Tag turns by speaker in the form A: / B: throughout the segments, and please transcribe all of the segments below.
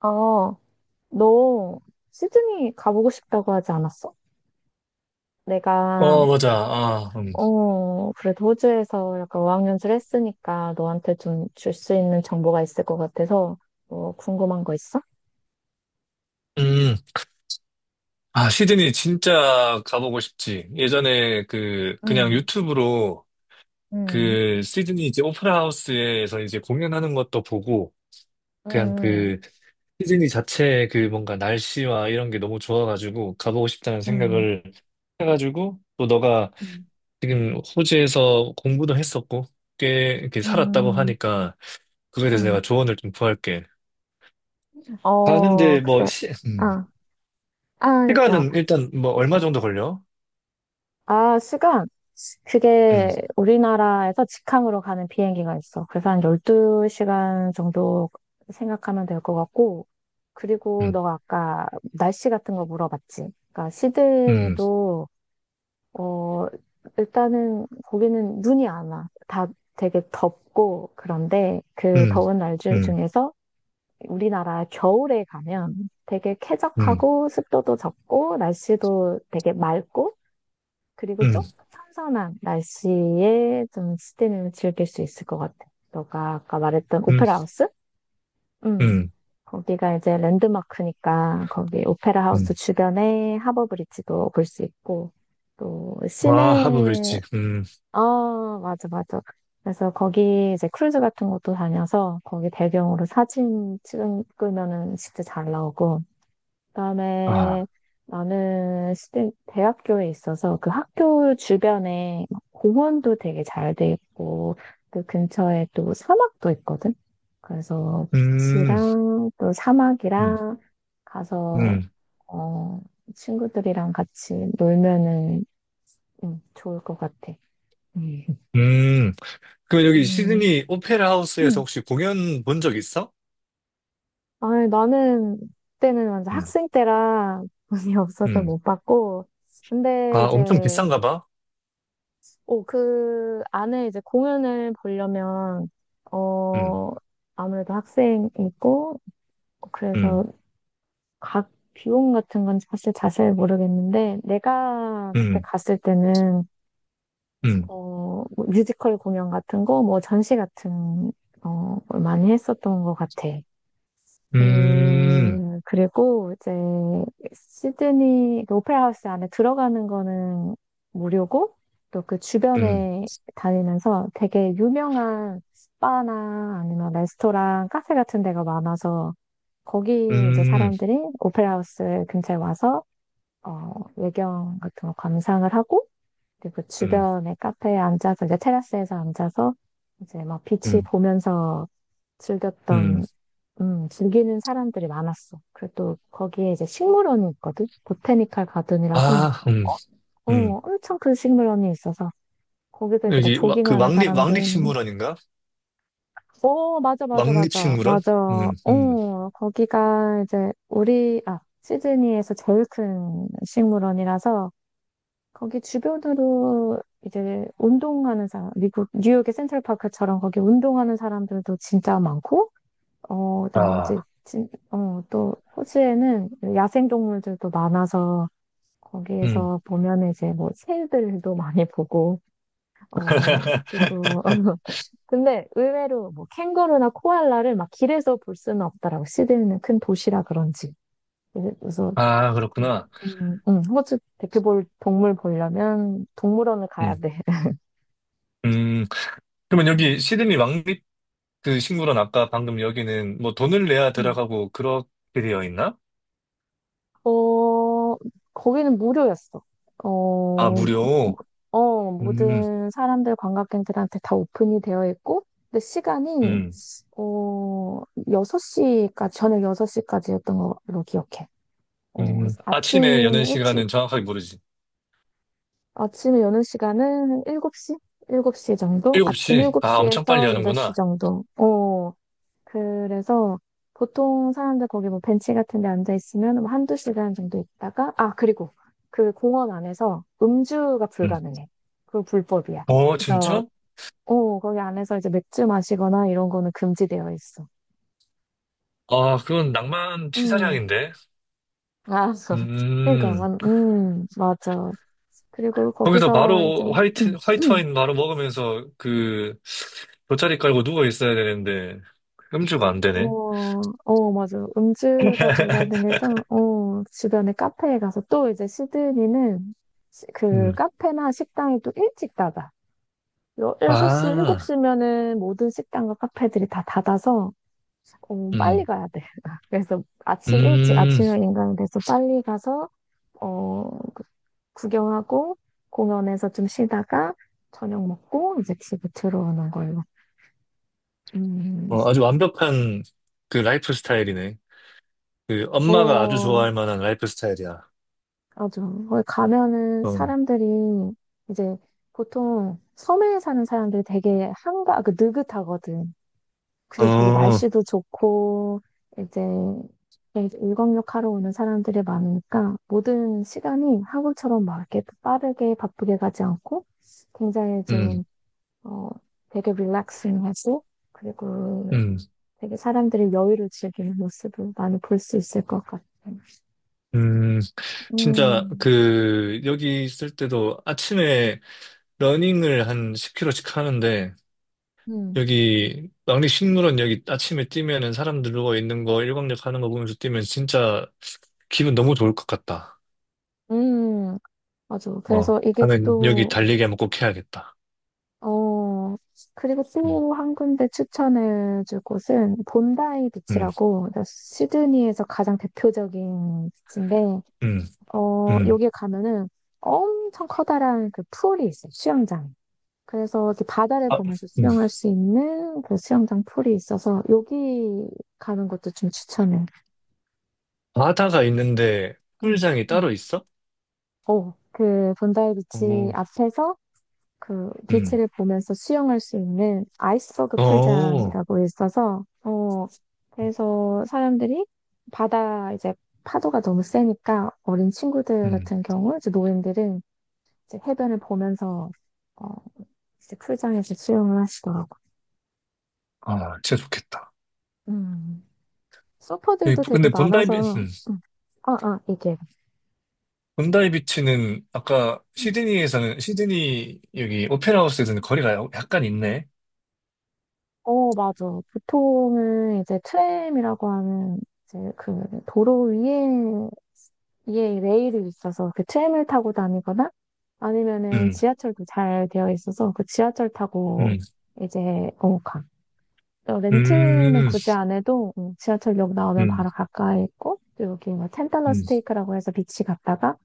A: 어, 너 시드니 가보고 싶다고 하지 않았어? 내가,
B: 어, 맞아. 아,
A: 그래도 호주에서 약간 어학연수를 했으니까 너한테 좀 줄 수 있는 정보가 있을 것 같아서, 뭐, 궁금한 거 있어?
B: 음. 아, 시드니 진짜 가보고 싶지. 예전에 그냥
A: 응,
B: 유튜브로
A: 응,
B: 그 시드니 이제 오페라 하우스에서 이제 공연하는 것도 보고, 그냥
A: 응,
B: 그 시드니 자체의 그 뭔가 날씨와 이런 게 너무 좋아가지고 가보고 싶다는
A: 응,
B: 생각을 해가지고, 또 너가
A: 응,
B: 지금 호주에서 공부도 했었고, 꽤 이렇게 살았다고
A: 응,
B: 하니까, 그거에 대해서 내가
A: 응.
B: 조언을 좀 구할게.
A: 어,
B: 가는데 뭐,
A: 그래. 아, 아, 야,
B: 시간은 일단 뭐 얼마 정도 걸려?
A: 시간.
B: 음,
A: 그게 우리나라에서 직항으로 가는 비행기가 있어. 그래서 한 12시간 정도 생각하면 될 것 같고. 그리고
B: 음,
A: 너가 아까 날씨 같은 거 물어봤지. 그러니까
B: 음,
A: 시드니도, 어, 일단은 거기는 눈이 안 와. 다 되게 덥고, 그런데 그
B: 음,
A: 더운 날
B: 음,
A: 중에서 우리나라 겨울에 가면 되게
B: 음,
A: 쾌적하고 습도도 적고 날씨도 되게 맑고 그리고 좀
B: 음,
A: 선선한 날씨에 좀 스테미를 즐길 수 있을 것 같아. 너가 아까 말했던
B: 음,
A: 오페라 하우스? 음.
B: 음,
A: 거기가 이제 랜드마크니까 거기 오페라 하우스
B: 음.
A: 주변에 하버 브릿지도 볼 수 있고 또
B: 아, 하부
A: 시내.
B: 빌지.
A: 아, 맞아, 맞아. 그래서 거기 이제 크루즈 같은 것도 다녀서 거기 배경으로 사진 찍으면은 진짜 잘 나오고, 그다음에
B: 아,
A: 나는 대 대학교에 있어서 그 학교 주변에 공원도 되게 잘 돼 있고 그 근처에 또 사막도 있거든. 그래서
B: 음,
A: 비치랑 또
B: 음,
A: 사막이랑 가서
B: 음,
A: 어, 친구들이랑 같이 놀면은 좋을 것 같아. 음.
B: 음. 그럼 여기
A: 음,
B: 시드니 오페라 하우스에서
A: 음.
B: 혹시 공연 본 적 있어?
A: 아니, 나는 그때는 완전
B: 음,
A: 학생 때라 돈이 없어서
B: 음.
A: 못 받고 근데
B: 아, 엄청
A: 이제,
B: 비싼가 봐.
A: 오, 그 안에 이제 공연을 보려면,
B: 음,
A: 어, 아무래도 학생이고, 그래서
B: 음,
A: 각 비용 같은 건 사실 자세히 모르겠는데, 내가 그때
B: 음,
A: 갔을 때는,
B: 음,
A: 뭐 뮤지컬 공연 같은 거, 뭐 전시 같은, 걸 많이 했었던 것 같아.
B: 음,
A: 그리고 이제 시드니 그 오페라 하우스 안에 들어가는 거는 무료고 또 그
B: 음,
A: 주변에 다니면서 되게 유명한 바나 아니면 레스토랑, 카페 같은 데가 많아서 거기 이제
B: 음,
A: 사람들이 오페라 하우스 근처에 와서 외경 같은 거 감상을 하고 그리고
B: 음,
A: 주변에 카페에 앉아서 이제 테라스에서 앉아서 이제 막 빛이
B: 음,
A: 보면서
B: 음.
A: 즐겼던, 즐기는 사람들이 많았어. 그래도 거기에 이제 식물원이 있거든? 보테니컬 가든이라고.
B: 아,
A: 어, 어,
B: 음.
A: 엄청 큰 식물원이 있어서. 거기서 이제 막
B: 그
A: 조깅하는 사람들.
B: 왕립식물원인가?
A: 어, 맞아, 맞아, 맞아,
B: 왕립식물원?
A: 맞아.
B: 음, 음.
A: 거기가 이제 우리, 아, 시드니에서 제일 큰 식물원이라서 거기 주변으로 이제 운동하는 사람, 미국, 뉴욕의 센트럴파크처럼 거기 운동하는 사람들도 진짜 많고, 그다음에 이제
B: 아,
A: 또 호주에는 야생 동물들도 많아서
B: 음.
A: 거기에서 보면 이제 뭐 새들도 많이 보고. 어, 그리고 근데 의외로 뭐 캥거루나 코알라를 막 길에서 볼 수는 없더라고. 시드니는 큰 도시라 그런지. 그래서
B: 아, 그렇구나.
A: 호주 대표 볼 동물 보려면 동물원을 가야
B: 음,
A: 돼.
B: 음, 그러면 여기
A: 음,
B: 시드니 왕립 그 식물원 아까 방금 여기는 뭐 돈을 내야
A: 음.
B: 들어가고 그렇게 되어 있나?
A: 어, 거기는 무료였어.
B: 아,
A: 어,
B: 무료. 음,
A: 모든 사람들, 관광객들한테 다 오픈이 되어 있고, 근데 시간이,
B: 음,
A: 어, 6시까지, 저녁 6시까지였던 걸로 기억해. 어, 그래서
B: 아침에
A: 아침에
B: 여는
A: 일찍,
B: 시간은 정확하게 모르지.
A: 아침에 여는 시간은 7시? 7시 정도? 아침
B: 7시. 아, 엄청 빨리
A: 7시에서 8시
B: 하는구나.
A: 정도. 그래서 보통 사람들 거기 뭐 벤치 같은 데 앉아 있으면 뭐 한두 시간 정도 있다가, 아, 그리고 그 공원 안에서 음주가
B: 음.
A: 불가능해. 그거 불법이야.
B: 어,
A: 그래서,
B: 진짜?
A: 거기 안에서 이제 맥주 마시거나 이런 거는 금지되어 있어.
B: 아, 그건 낭만
A: 음,
B: 치사량인데.
A: 아, 그러니까,
B: 음.
A: 맞아. 그리고
B: 거기서
A: 거기서 이제,
B: 바로 화이트
A: 음,
B: 와인 바로 먹으면서 그 돗자리 깔고 누워 있어야 되는데 음주가 안 되네.
A: 맞아. 음주가 불가능해서, 주변에 카페에 가서 또 이제 시드니는 그
B: 음.
A: 카페나 식당이 또 일찍 닫아. 6시,
B: 아,
A: 7시면은 모든 식당과 카페들이 다 닫아서, 빨리
B: 음,
A: 가야 돼. 그래서 아침 일찍,
B: 음,
A: 아침형 인간이 돼서 빨리 가서, 어, 그- 구경하고, 공연에서 좀 쉬다가, 저녁 먹고, 이제 집에 들어오는 걸로. 음,
B: 어, 아주 완벽한 그 라이프 스타일이네. 그 엄마가 아주
A: 어,
B: 좋아할 만한 라이프 스타일이야.
A: 맞아. 거기 가면은
B: 어,
A: 사람들이 이제 보통 섬에 사는 사람들이 되게 한가, 그 느긋하거든. 그리고 거기
B: 어,
A: 날씨도 좋고, 이제 이제 일광욕 하러 오는 사람들이 많으니까 모든 시간이 한국처럼 막 이렇게 빠르게 바쁘게 가지 않고 굉장히
B: 음,
A: 좀, 어, 되게 릴렉싱하고 그리고
B: 음,
A: 되게 사람들이 여유를 즐기는 모습을 많이 볼 수 있을 것 같아.
B: 음. 진짜
A: 음,
B: 그 여기 있을 때도 아침에 러닝을 한 10km씩 하는데
A: 음,
B: 여기 왕립식물원 여기 아침에 뛰면은 사람들 누워 있는 거 일광욕 하는 거 보면서 뛰면 진짜 기분 너무 좋을 것 같다.
A: 음, 맞아.
B: 어,
A: 그래서 이게
B: 가면 여기
A: 또,
B: 달리기 한번 꼭 해야겠다.
A: 어, 그리고
B: 음.
A: 또 한 군데 추천해줄 곳은 본다이
B: 음,
A: 비치라고, 그러니까 시드니에서 가장 대표적인 비치인데,
B: 음, 음.
A: 여기에 가면은 엄청 커다란 그 풀이 있어요. 수영장. 그래서 이렇게 바다를
B: 아,
A: 보면서
B: 음.
A: 수영할 수 있는 그 수영장 풀이 있어서 여기 가는 것도 좀 추천해.
B: 바다가 있는데
A: 응,
B: 풀장이
A: 응.
B: 따로 있어?
A: 그 본다이 비치
B: 오,
A: 앞에서 그
B: 음,
A: 비치를 보면서 수영할 수 있는 아이스버그
B: 어,
A: 풀장이라고 있어서, 그래서 사람들이 바다 이제 파도가 너무 세니까 어린 친구들
B: 음.
A: 같은 경우 이제 노인들은 이제 해변을 보면서 어 이제 풀장에서 수영을 하시더라고.
B: 아, 진짜 좋겠다.
A: 음.
B: 예,
A: 서퍼들도 되게
B: 근데
A: 많아서 음. 이게.
B: 본다이 비치는 아까
A: 음.
B: 시드니 여기 오페라 하우스에서는 거리가 약간 있네.
A: 어, 맞아. 보통은 이제 트램이라고 하는 이제 그 도로 위에 이게 레일이 있어서 그 트램을 타고 다니거나 아니면은
B: 음,
A: 지하철도 잘 되어 있어서 그 지하철 타고
B: 음,
A: 이제 가. 또 렌트는
B: 음,
A: 굳이 안 해도, 지하철역 나오면
B: 음,
A: 바로 가까이 있고 또 여기 뭐 텐달러
B: 음,
A: 스테이크라고 해서 비치 갔다가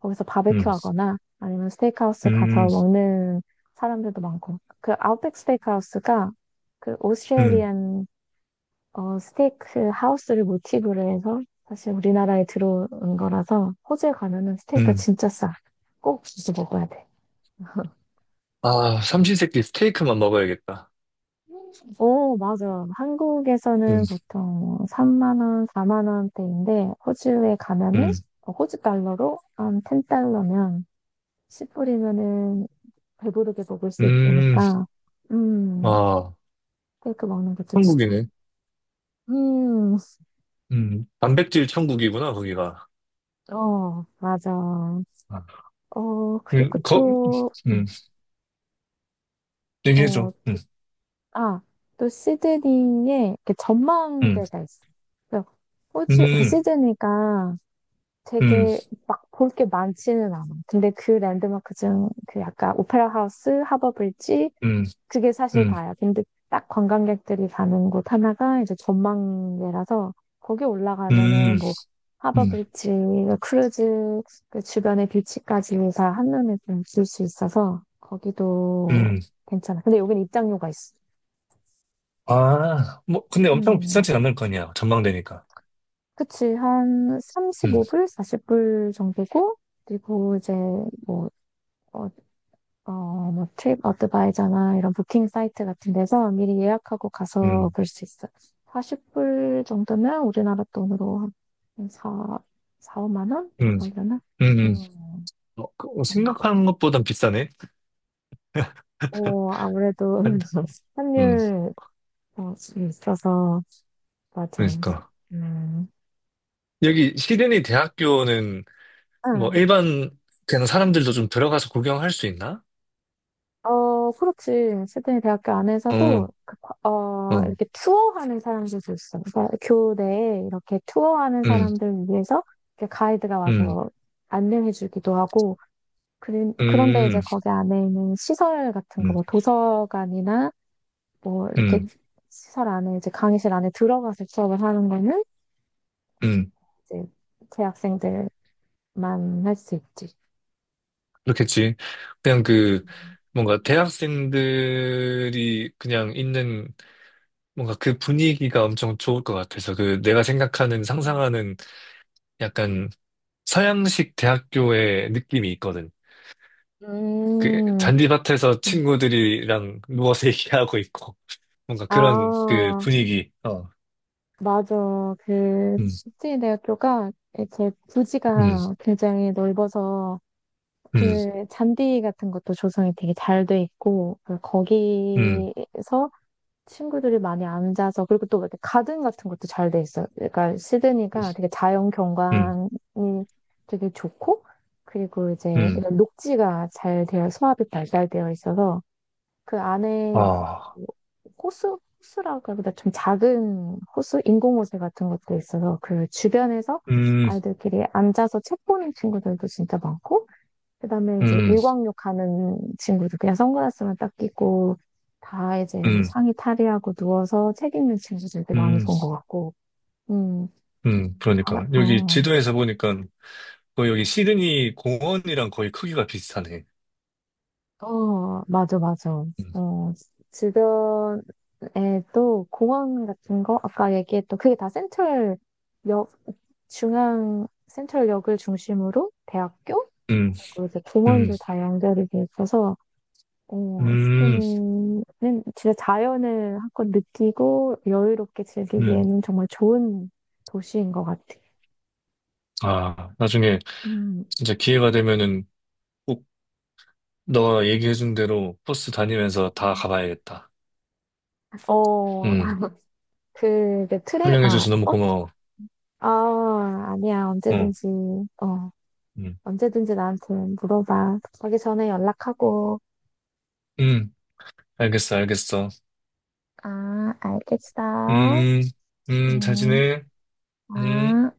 A: 거기서 바베큐
B: 음,
A: 하거나 아니면 스테이크하우스 가서
B: 음,
A: 먹는 사람들도 많고 그 아웃백 스테이크하우스가 그
B: 음,
A: 오스트레일리안 스테이크 하우스를 모티브로 해서 사실 우리나라에 들어온 거라서 호주에 가면은 스테이크가
B: 음.
A: 진짜 싸. 꼭 주스 먹어야 돼.
B: 아, 삼시세끼 스테이크만 먹어야겠다.
A: 오, 맞아.
B: 음,
A: 한국에서는 보통 3만 원, 4만 원대인데 호주에 가면은
B: 음,
A: 호주 달러로 한 10달러면, 10불이면은 배부르게 먹을 수
B: 음.
A: 있으니까, 음,
B: 아,
A: 스테이크 먹는 것도 진짜.
B: 한국이네.
A: 음,
B: 단백질 천국이구나, 거기가.
A: 어, 맞아.
B: 아,
A: 그리고
B: 거,
A: 또,
B: 음,
A: 어,
B: 얘기해줘.
A: 아, 또 시드니에 이렇게
B: 음,
A: 전망대가 있어. 그래서 호주, 그
B: 음,
A: 시드니가
B: 음,
A: 되게 막 볼 게 많지는 않아. 근데 그 랜드마크 중 그 약간 오페라 하우스, 하버 브릿지
B: 음,
A: 그게 사실
B: 음,
A: 다야. 근데 딱 관광객들이 가는 곳 하나가 이제 전망대라서 거기 올라가면은
B: 음,
A: 뭐 하버
B: 음,
A: 브릿지, 크루즈 그 주변의 뷰치까지 다 한눈에 좀 볼 수 있어서 거기도
B: 음.
A: 괜찮아. 근데 여긴 입장료가 있어.
B: 아, 뭐, 근데 엄청
A: 음.
B: 비싸진 않을 거 아니야. 전망대니까.
A: 그치, 한
B: 음,
A: 35불, 40불 정도고, 그리고 이제 뭐, 어, 뭐, 트립 어드바이저나 이런 부킹 사이트 같은 데서 미리 예약하고 가서
B: 음,
A: 볼 수 있어. 40불 정도면 우리나라 돈으로 한 4, 4, 5만 원
B: 음,
A: 정도 하려나?
B: 음, 음.
A: 음,
B: 어, 어,
A: 음.
B: 생각하는 것보단 비싸네.
A: 오, 아무래도
B: 한- 음,
A: 환율 있어서, 맞아.
B: 그러니까.
A: 음.
B: 여기 시드니 대학교는 뭐
A: 응,
B: 일반 그냥 사람들도 좀 들어가서 구경할 수 있나?
A: 그렇지. 시드니 대학교 안에서도,
B: 어, 어,
A: 이렇게 투어하는 사람들도 있어. 그러니까 교내에 이렇게 투어하는
B: 음,
A: 사람들 위해서 이렇게 가이드가
B: 음,
A: 와서 안내해주기도 하고, 그런데 이제
B: 음,
A: 거기 안에 있는 시설 같은 거,
B: 음,
A: 뭐 도서관이나 뭐 이렇게
B: 음,
A: 시설 안에, 이제 강의실 안에 들어가서 수업을 하는 거는
B: 음.
A: 이제 재학생들만 할 수 있지.
B: 그렇겠지. 그냥 그, 뭔가 대학생들이 그냥 있는 뭔가 그 분위기가 엄청 좋을 것 같아서 그 내가 생각하는 상상하는 약간 서양식 대학교의 느낌이 있거든. 그
A: 음,
B: 잔디밭에서
A: 음.
B: 친구들이랑 누워서 얘기하고 있고 뭔가 그런 그
A: 아,
B: 분위기. 어.
A: 맞아. 그,
B: 음,
A: 국제대학교가 제
B: 음,
A: 부지가 굉장히 넓어서
B: 음,
A: 그 잔디 같은 것도 조성이 되게 잘 돼 있고, 그
B: 음,
A: 거기서 친구들이 많이 앉아서, 그리고 또 이렇게 가든 같은 것도 잘 돼 있어요. 그러니까 시드니가 되게 자연
B: 음, 음.
A: 경관이 되게 좋고, 그리고 이제
B: 음.
A: 이런 녹지가 잘 되어, 소합이 발달되어 있어서 그 안에
B: 아,
A: 그 호수, 호수라 그러보다 좀 작은 호수, 인공호수 같은 것도 있어서 그 주변에서
B: 음,
A: 아이들끼리 앉아서 책 보는 친구들도 진짜 많고, 그 다음에 이제
B: 음,
A: 일광욕 하는 친구들, 그냥 선글라스만 딱 끼고, 다 이제 뭐
B: 음,
A: 상의 탈의하고 누워서 책 읽는 친구들도 많이
B: 음.
A: 본 것 같고, 음, 알아,
B: 그러니까. 여기
A: 어,
B: 지도에서 보니까 거의 여기 시드니 공원이랑 거의 크기가 비슷하네.
A: 어, 맞아, 맞아.
B: 음,
A: 어, 주변에 또 공원 같은 거, 아까 얘기했던 그게 다 센트럴 역, 중앙 센트럴역을 중심으로 대학교
B: 음,
A: 그리고 이제
B: 음,
A: 공원도 다 연결이 돼 있어서
B: 음.
A: 시드니는 진짜 자연을 한껏 느끼고 여유롭게
B: 음.
A: 즐기기에는 정말 좋은 도시인 것 같아.
B: 아, 나중에
A: 음.
B: 진짜 기회가 되면은 꼭 너가 얘기해준 대로 버스 다니면서 다
A: 음.
B: 가봐야겠다.
A: 어,
B: 음,
A: 아, 그, 내 트레, 아,
B: 설명해줘서 너무
A: 어?
B: 고마워.
A: 아, 아니야.
B: 어,
A: 언제든지, 어,
B: 음,
A: 언제든지 나한테 물어봐. 가기 전에 연락하고.
B: 음, 알겠어, 알겠어.
A: 아, 알겠어.
B: 음, 음, 잘
A: 음,
B: 지내. 음.
A: 아.